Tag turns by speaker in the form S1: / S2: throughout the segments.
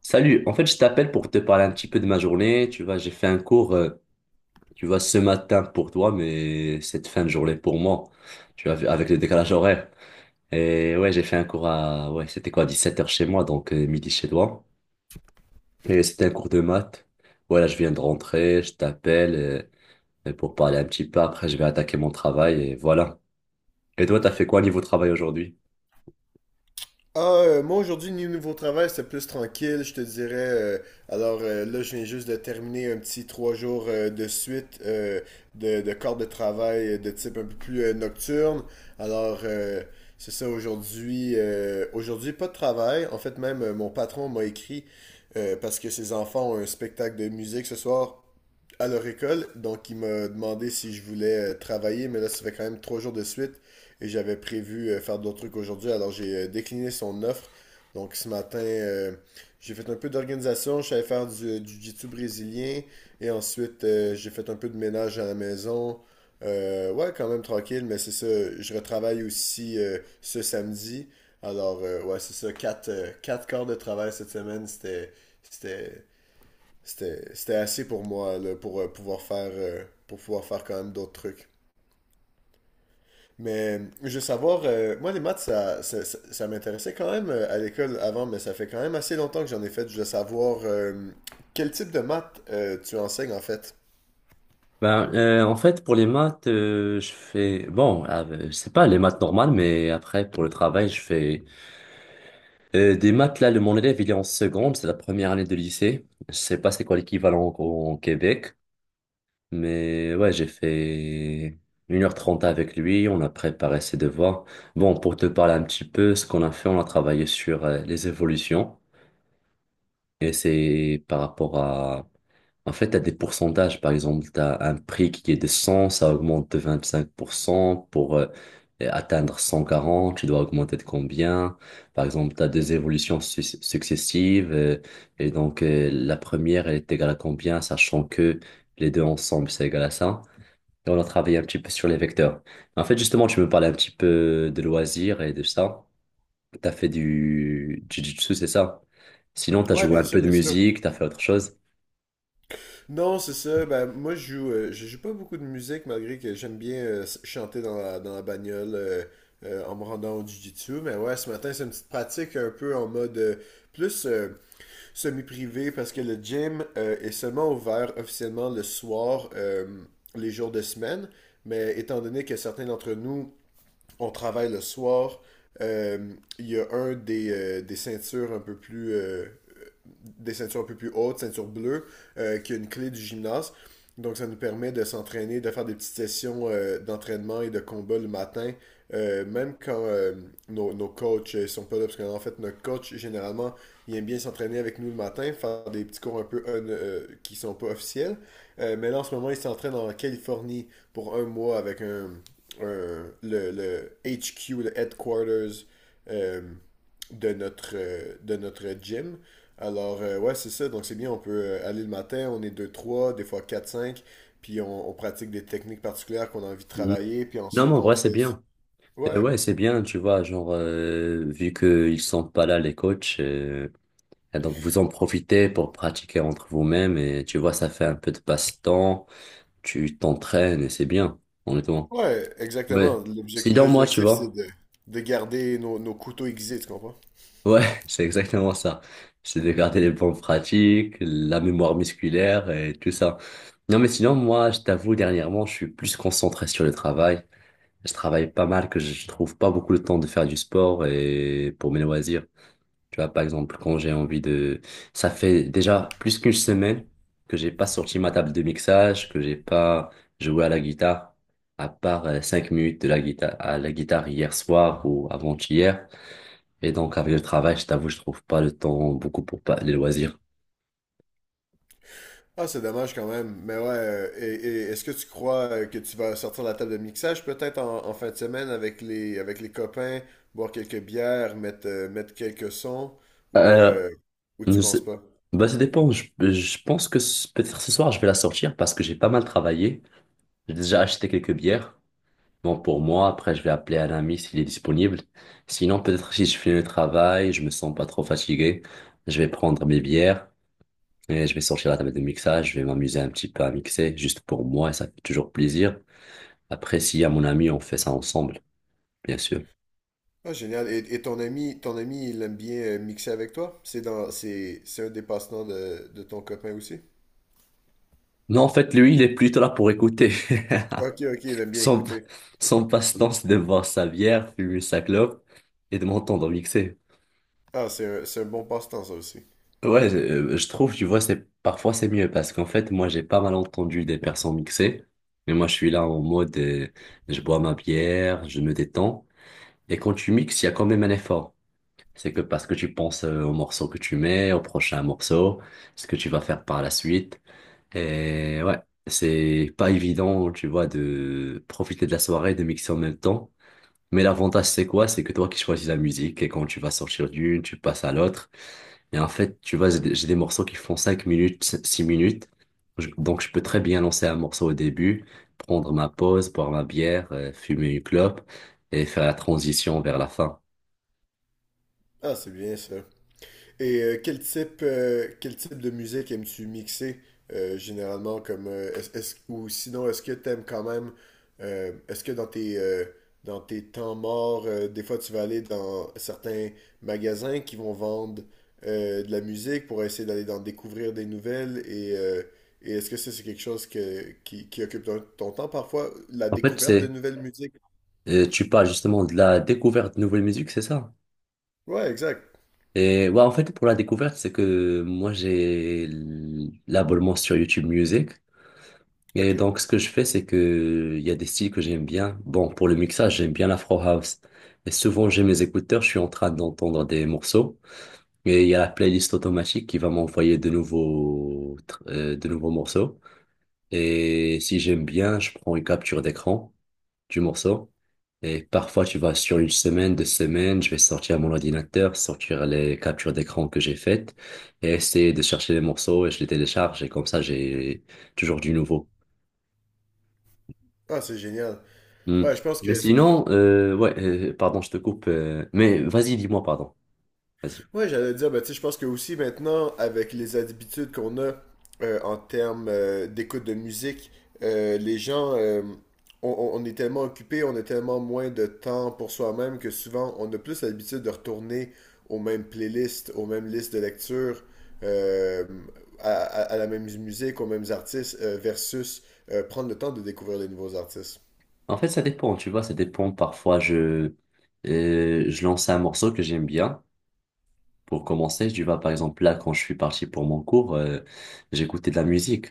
S1: Salut, en fait, je t'appelle pour te parler un petit peu de ma journée. Tu vois, j'ai fait un cours, tu vois, ce matin pour toi, mais cette fin de journée pour moi, tu vois, avec le décalage horaire. Et ouais, j'ai fait un cours à, ouais, c'était quoi, 17h chez moi, donc midi chez toi. Et c'était un cours de maths. Voilà, je viens de rentrer, je t'appelle pour parler un petit peu. Après, je vais attaquer mon travail et voilà. Et toi, t'as fait quoi niveau travail aujourd'hui?
S2: Ah, moi aujourd'hui, niveau travail, c'était plus tranquille, je te dirais. Là, je viens juste de terminer un petit trois jours de suite, de corps de travail de type un peu plus nocturne. Alors, euh, c'est ça aujourd'hui. Aujourd'hui, pas de travail. En fait, même mon patron m'a écrit parce que ses enfants ont un spectacle de musique ce soir à leur école. Donc, il m'a demandé si je voulais travailler, mais là, ça fait quand même trois jours de suite et j'avais prévu faire d'autres trucs aujourd'hui. Alors, j'ai décliné son offre. Donc, ce matin, j'ai fait un peu d'organisation. Je savais faire du du jiu-jitsu brésilien et ensuite, j'ai fait un peu de ménage à la maison. Ouais, quand même tranquille, mais c'est ça. Je retravaille aussi ce samedi. Alors, ouais, c'est ça. Quatre quarts de travail cette semaine. C'était, c'était assez pour moi là, pour pouvoir faire, pour pouvoir faire quand même d'autres trucs. Mais je veux savoir, moi les maths, ça m'intéressait quand même à l'école avant, mais ça fait quand même assez longtemps que j'en ai fait. Je veux savoir quel type de maths tu enseignes en fait.
S1: Ben, en fait, pour les maths, je fais... Bon, je sais pas, les maths normales, mais après, pour le travail, je fais... des maths, là, mon élève, il est en seconde, c'est la première année de lycée. Je sais pas c'est quoi l'équivalent au Québec. Mais ouais, j'ai fait 1h30 avec lui, on a préparé ses devoirs. Bon, pour te parler un petit peu, ce qu'on a fait, on a travaillé sur les évolutions. Et c'est par rapport à... En fait, t'as des pourcentages. Par exemple, t'as un prix qui est de 100, ça augmente de 25%. Pour atteindre 140, tu dois augmenter de combien? Par exemple, t'as des évolutions successives. Et donc, la première, elle est égale à combien, sachant que les deux ensemble, c'est égal à ça. Et on a travaillé un petit peu sur les vecteurs. En fait, justement, tu me parlais un petit peu de loisirs et de ça. T'as fait du jiu-jitsu, c'est ça? Sinon, t'as
S2: Ouais,
S1: joué
S2: bien
S1: un peu
S2: sûr,
S1: de
S2: bien sûr.
S1: musique, t'as fait autre chose?
S2: Non, c'est ça. Ben, moi, je joue pas beaucoup de musique, malgré que j'aime bien chanter dans la bagnole en me rendant au jiu-jitsu. Mais ouais, ce matin, c'est une petite pratique un peu en mode plus. Semi-privé parce que le gym est seulement ouvert officiellement le soir, les jours de semaine. Mais étant donné que certains d'entre nous, on travaille le soir, euh, il y a un des ceintures un peu plus hautes, ceinture bleue, qui a une clé du gymnase. Donc, ça nous permet de s'entraîner, de faire des petites sessions d'entraînement et de combat le matin, même quand nos coachs ne sont pas là. Parce qu'en fait, notre coach, généralement, il aime bien s'entraîner avec nous le matin, faire des petits cours un peu qui ne sont pas officiels. Mais là, en ce moment, il s'entraîne en Californie pour un mois avec le HQ, le headquarters euh, de notre gym. Alors, ouais, c'est ça. Donc, c'est bien, on peut aller le matin, on est deux trois des fois quatre cinq puis on pratique des techniques particulières qu'on a envie de
S1: Mhm.
S2: travailler, puis
S1: Non, mais
S2: ensuite
S1: en
S2: on
S1: vrai, c'est
S2: fait...
S1: bien. Et
S2: Ouais,
S1: ouais, c'est bien, tu vois, genre, vu qu'ils sont pas là, les coachs, et donc vous en profitez pour pratiquer entre vous-même et tu vois, ça fait un peu de passe-temps, tu t'entraînes et c'est bien, honnêtement.
S2: ouais, exactement.
S1: Ouais. Sinon, moi, tu
S2: L'objectif, c'est
S1: vois.
S2: de garder nos couteaux aiguisés, tu comprends?
S1: Ouais, c'est exactement ça. C'est de garder les bonnes pratiques, la mémoire musculaire et tout ça. Non, mais sinon, moi, je t'avoue, dernièrement, je suis plus concentré sur le travail. Je travaille pas mal, que je trouve pas beaucoup de temps de faire du sport et pour mes loisirs. Tu vois, par exemple, quand j'ai envie de... Ça fait déjà plus qu'une semaine que j'ai pas sorti ma table de mixage, que j'ai pas joué à la guitare, à part 5 minutes à la guitare hier soir ou avant-hier. Et donc, avec le travail, je t'avoue, je trouve pas le temps beaucoup pour pas les loisirs.
S2: Ah, c'est dommage quand même. Mais ouais, et est-ce que tu crois que tu vas sortir la table de mixage peut-être en fin de semaine avec avec les copains, boire quelques bières, mettre quelques sons, ou,
S1: Euh,
S2: euh, ou tu
S1: nous-
S2: penses
S1: c'est-
S2: pas?
S1: bah, ça dépend. Je pense que peut-être ce soir, je vais la sortir parce que j'ai pas mal travaillé. J'ai déjà acheté quelques bières. Bon, pour moi, après, je vais appeler un ami s'il est disponible. Sinon, peut-être si je finis le travail, je me sens pas trop fatigué, je vais prendre mes bières. Et je vais sortir la table de mixage, je vais m'amuser un petit peu à mixer, juste pour moi, et ça fait toujours plaisir. Après, s'il y a mon ami, on fait ça ensemble, bien sûr.
S2: Ah, génial. Et, ton ami, il aime bien mixer avec toi? C'est un des passe-temps de ton copain aussi?
S1: Non, en fait, lui, il est plutôt là pour écouter.
S2: Ok, ok, il aime bien
S1: Son,
S2: écouter.
S1: son passe-temps, c'est de boire sa bière, fumer sa clope et de m'entendre mixer.
S2: Ah, c'est un bon passe-temps, ça aussi.
S1: Ouais, je trouve, tu vois, c'est, parfois c'est mieux parce qu'en fait, moi, j'ai pas mal entendu des personnes mixer. Mais moi, je suis là en mode, je bois ma bière, je me détends. Et quand tu mixes, il y a quand même un effort. C'est que parce que tu penses au morceau que tu mets, au prochain morceau, ce que tu vas faire par la suite. Et ouais, c'est pas évident, tu vois, de profiter de la soirée, de mixer en même temps. Mais l'avantage, c'est quoi? C'est que toi qui choisis la musique et quand tu vas sortir d'une, tu passes à l'autre. Et en fait, tu vois, j'ai des morceaux qui font 5 minutes, 6 minutes. Donc, je peux très bien lancer un morceau au début, prendre ma pause, boire ma bière, fumer une clope et faire la transition vers la fin.
S2: Ah, c'est bien ça. Et quel type de musique aimes-tu mixer généralement comme ou sinon est-ce que t'aimes quand même est-ce que dans tes temps morts des fois tu vas aller dans certains magasins qui vont vendre de la musique pour essayer d'aller d'en découvrir des nouvelles et est-ce que ça c'est quelque chose qui occupe ton temps parfois la
S1: En fait,
S2: découverte de
S1: c'est
S2: nouvelles musiques?
S1: Tu parles justement de la découverte de nouvelles musiques, c'est ça?
S2: Ouais, exact.
S1: Et ouais, en fait, pour la découverte, c'est que moi, j'ai l'abonnement sur YouTube Music. Et
S2: Ok.
S1: donc, ce que je fais, c'est que il y a des styles que j'aime bien. Bon, pour le mixage, j'aime bien l'Afro House. Et souvent, j'ai mes écouteurs, je suis en train d'entendre des morceaux. Et il y a la playlist automatique qui va m'envoyer de nouveaux morceaux. Et si j'aime bien, je prends une capture d'écran du morceau. Et parfois, tu vois, sur une semaine, 2 semaines, je vais sortir mon ordinateur, sortir les captures d'écran que j'ai faites et essayer de chercher les morceaux et je les télécharge. Et comme ça, j'ai toujours du nouveau.
S2: Ah, c'est génial.
S1: Hmm.
S2: Ouais, je pense
S1: Mais
S2: que
S1: sinon, ouais, pardon, je te coupe. Mais vas-y, dis-moi, pardon. Vas-y.
S2: Ouais, j'allais dire, ben, tu sais, je pense que aussi maintenant, avec les habitudes qu'on a en termes d'écoute de musique, les gens, on est tellement occupés, on a tellement moins de temps pour soi-même que souvent, on a plus l'habitude de retourner aux mêmes playlists, aux mêmes listes de lecture, euh, à la même musique, aux mêmes artistes, versus prendre le temps de découvrir les nouveaux artistes.
S1: En fait, ça dépend, tu vois, ça dépend. Parfois, je lance un morceau que j'aime bien. Pour commencer, tu vois, par exemple, là, quand je suis parti pour mon cours, j'écoutais de la musique.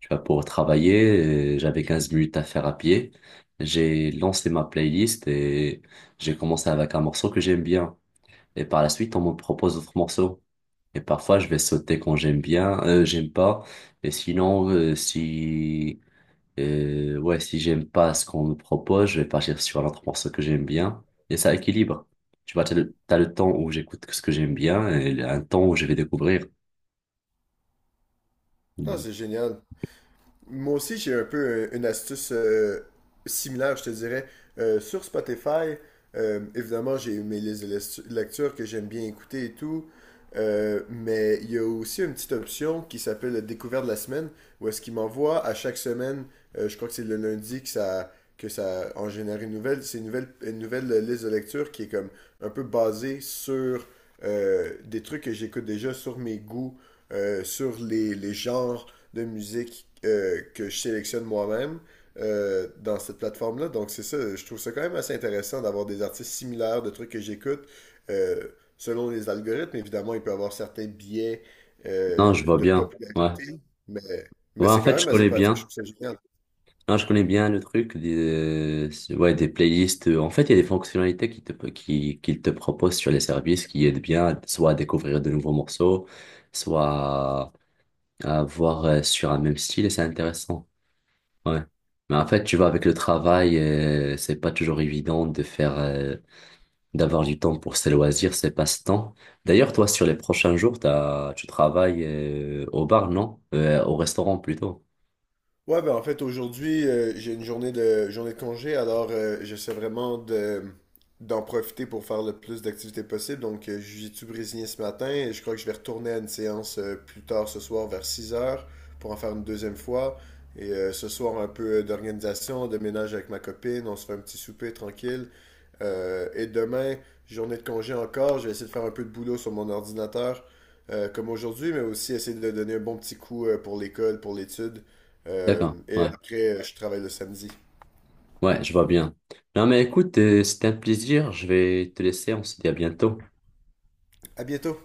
S1: Tu vois, pour travailler, j'avais 15 minutes à faire à pied. J'ai lancé ma playlist et j'ai commencé avec un morceau que j'aime bien. Et par la suite, on me propose d'autres morceaux. Et parfois, je vais sauter quand j'aime bien, j'aime pas. Et sinon, si et ouais, si j'aime pas ce qu'on me propose, je vais partir sur un autre morceau que j'aime bien. Et ça équilibre. Tu vois, t'as le temps où j'écoute ce que j'aime bien et un temps où je vais découvrir.
S2: Ah,
S1: Mhm.
S2: c'est génial. Moi aussi, j'ai un peu une astuce similaire, je te dirais. Sur Spotify, évidemment, j'ai mes listes de lecture que j'aime bien écouter et tout. Mais il y a aussi une petite option qui s'appelle la découverte de la semaine, où est-ce qu'il m'envoie à chaque semaine, je crois que c'est le lundi que ça en génère une nouvelle. C'est une nouvelle liste de lecture qui est comme un peu basée sur des trucs que j'écoute déjà, sur mes goûts, les genres de musique que je sélectionne moi-même dans cette plateforme-là. Donc c'est ça, je trouve ça quand même assez intéressant d'avoir des artistes similaires, de trucs que j'écoute. Selon les algorithmes, évidemment, il peut y avoir certains biais
S1: Non, je vois
S2: de
S1: bien. Ouais.
S2: popularité, mais,
S1: Ouais,
S2: mais
S1: en
S2: c'est quand
S1: fait, je
S2: même assez
S1: connais
S2: pratique, je
S1: bien.
S2: trouve ça génial.
S1: Non, je connais bien le truc des, ouais, des playlists. En fait, il y a des fonctionnalités qu'ils te proposent sur les services qui aident bien, soit à découvrir de nouveaux morceaux, soit à voir sur un même style et c'est intéressant. Ouais. Mais en fait, tu vois, avec le travail, c'est pas toujours évident d'avoir du temps pour ses loisirs, ses passe-temps. D'ailleurs, toi, sur les prochains jours, tu travailles, au bar, non? Au restaurant plutôt.
S2: Ouais, ben en fait, aujourd'hui, j'ai une journée journée de congé, alors j'essaie vraiment d'en profiter pour faire le plus d'activités possible. Donc, jiu-jitsu brésilien ce matin et je crois que je vais retourner à une séance plus tard ce soir vers 6 heures pour en faire une deuxième fois. Et ce soir, un peu d'organisation, de ménage avec ma copine, on se fait un petit souper tranquille. Et demain, journée de congé encore, je vais essayer de faire un peu de boulot sur mon ordinateur, comme aujourd'hui, mais aussi essayer de donner un bon petit coup pour l'école, pour l'étude.
S1: D'accord. Ouais.
S2: Je travaille le samedi.
S1: Ouais, je vois bien. Non, mais écoute, c'était un plaisir. Je vais te laisser. On se dit à bientôt.
S2: À bientôt!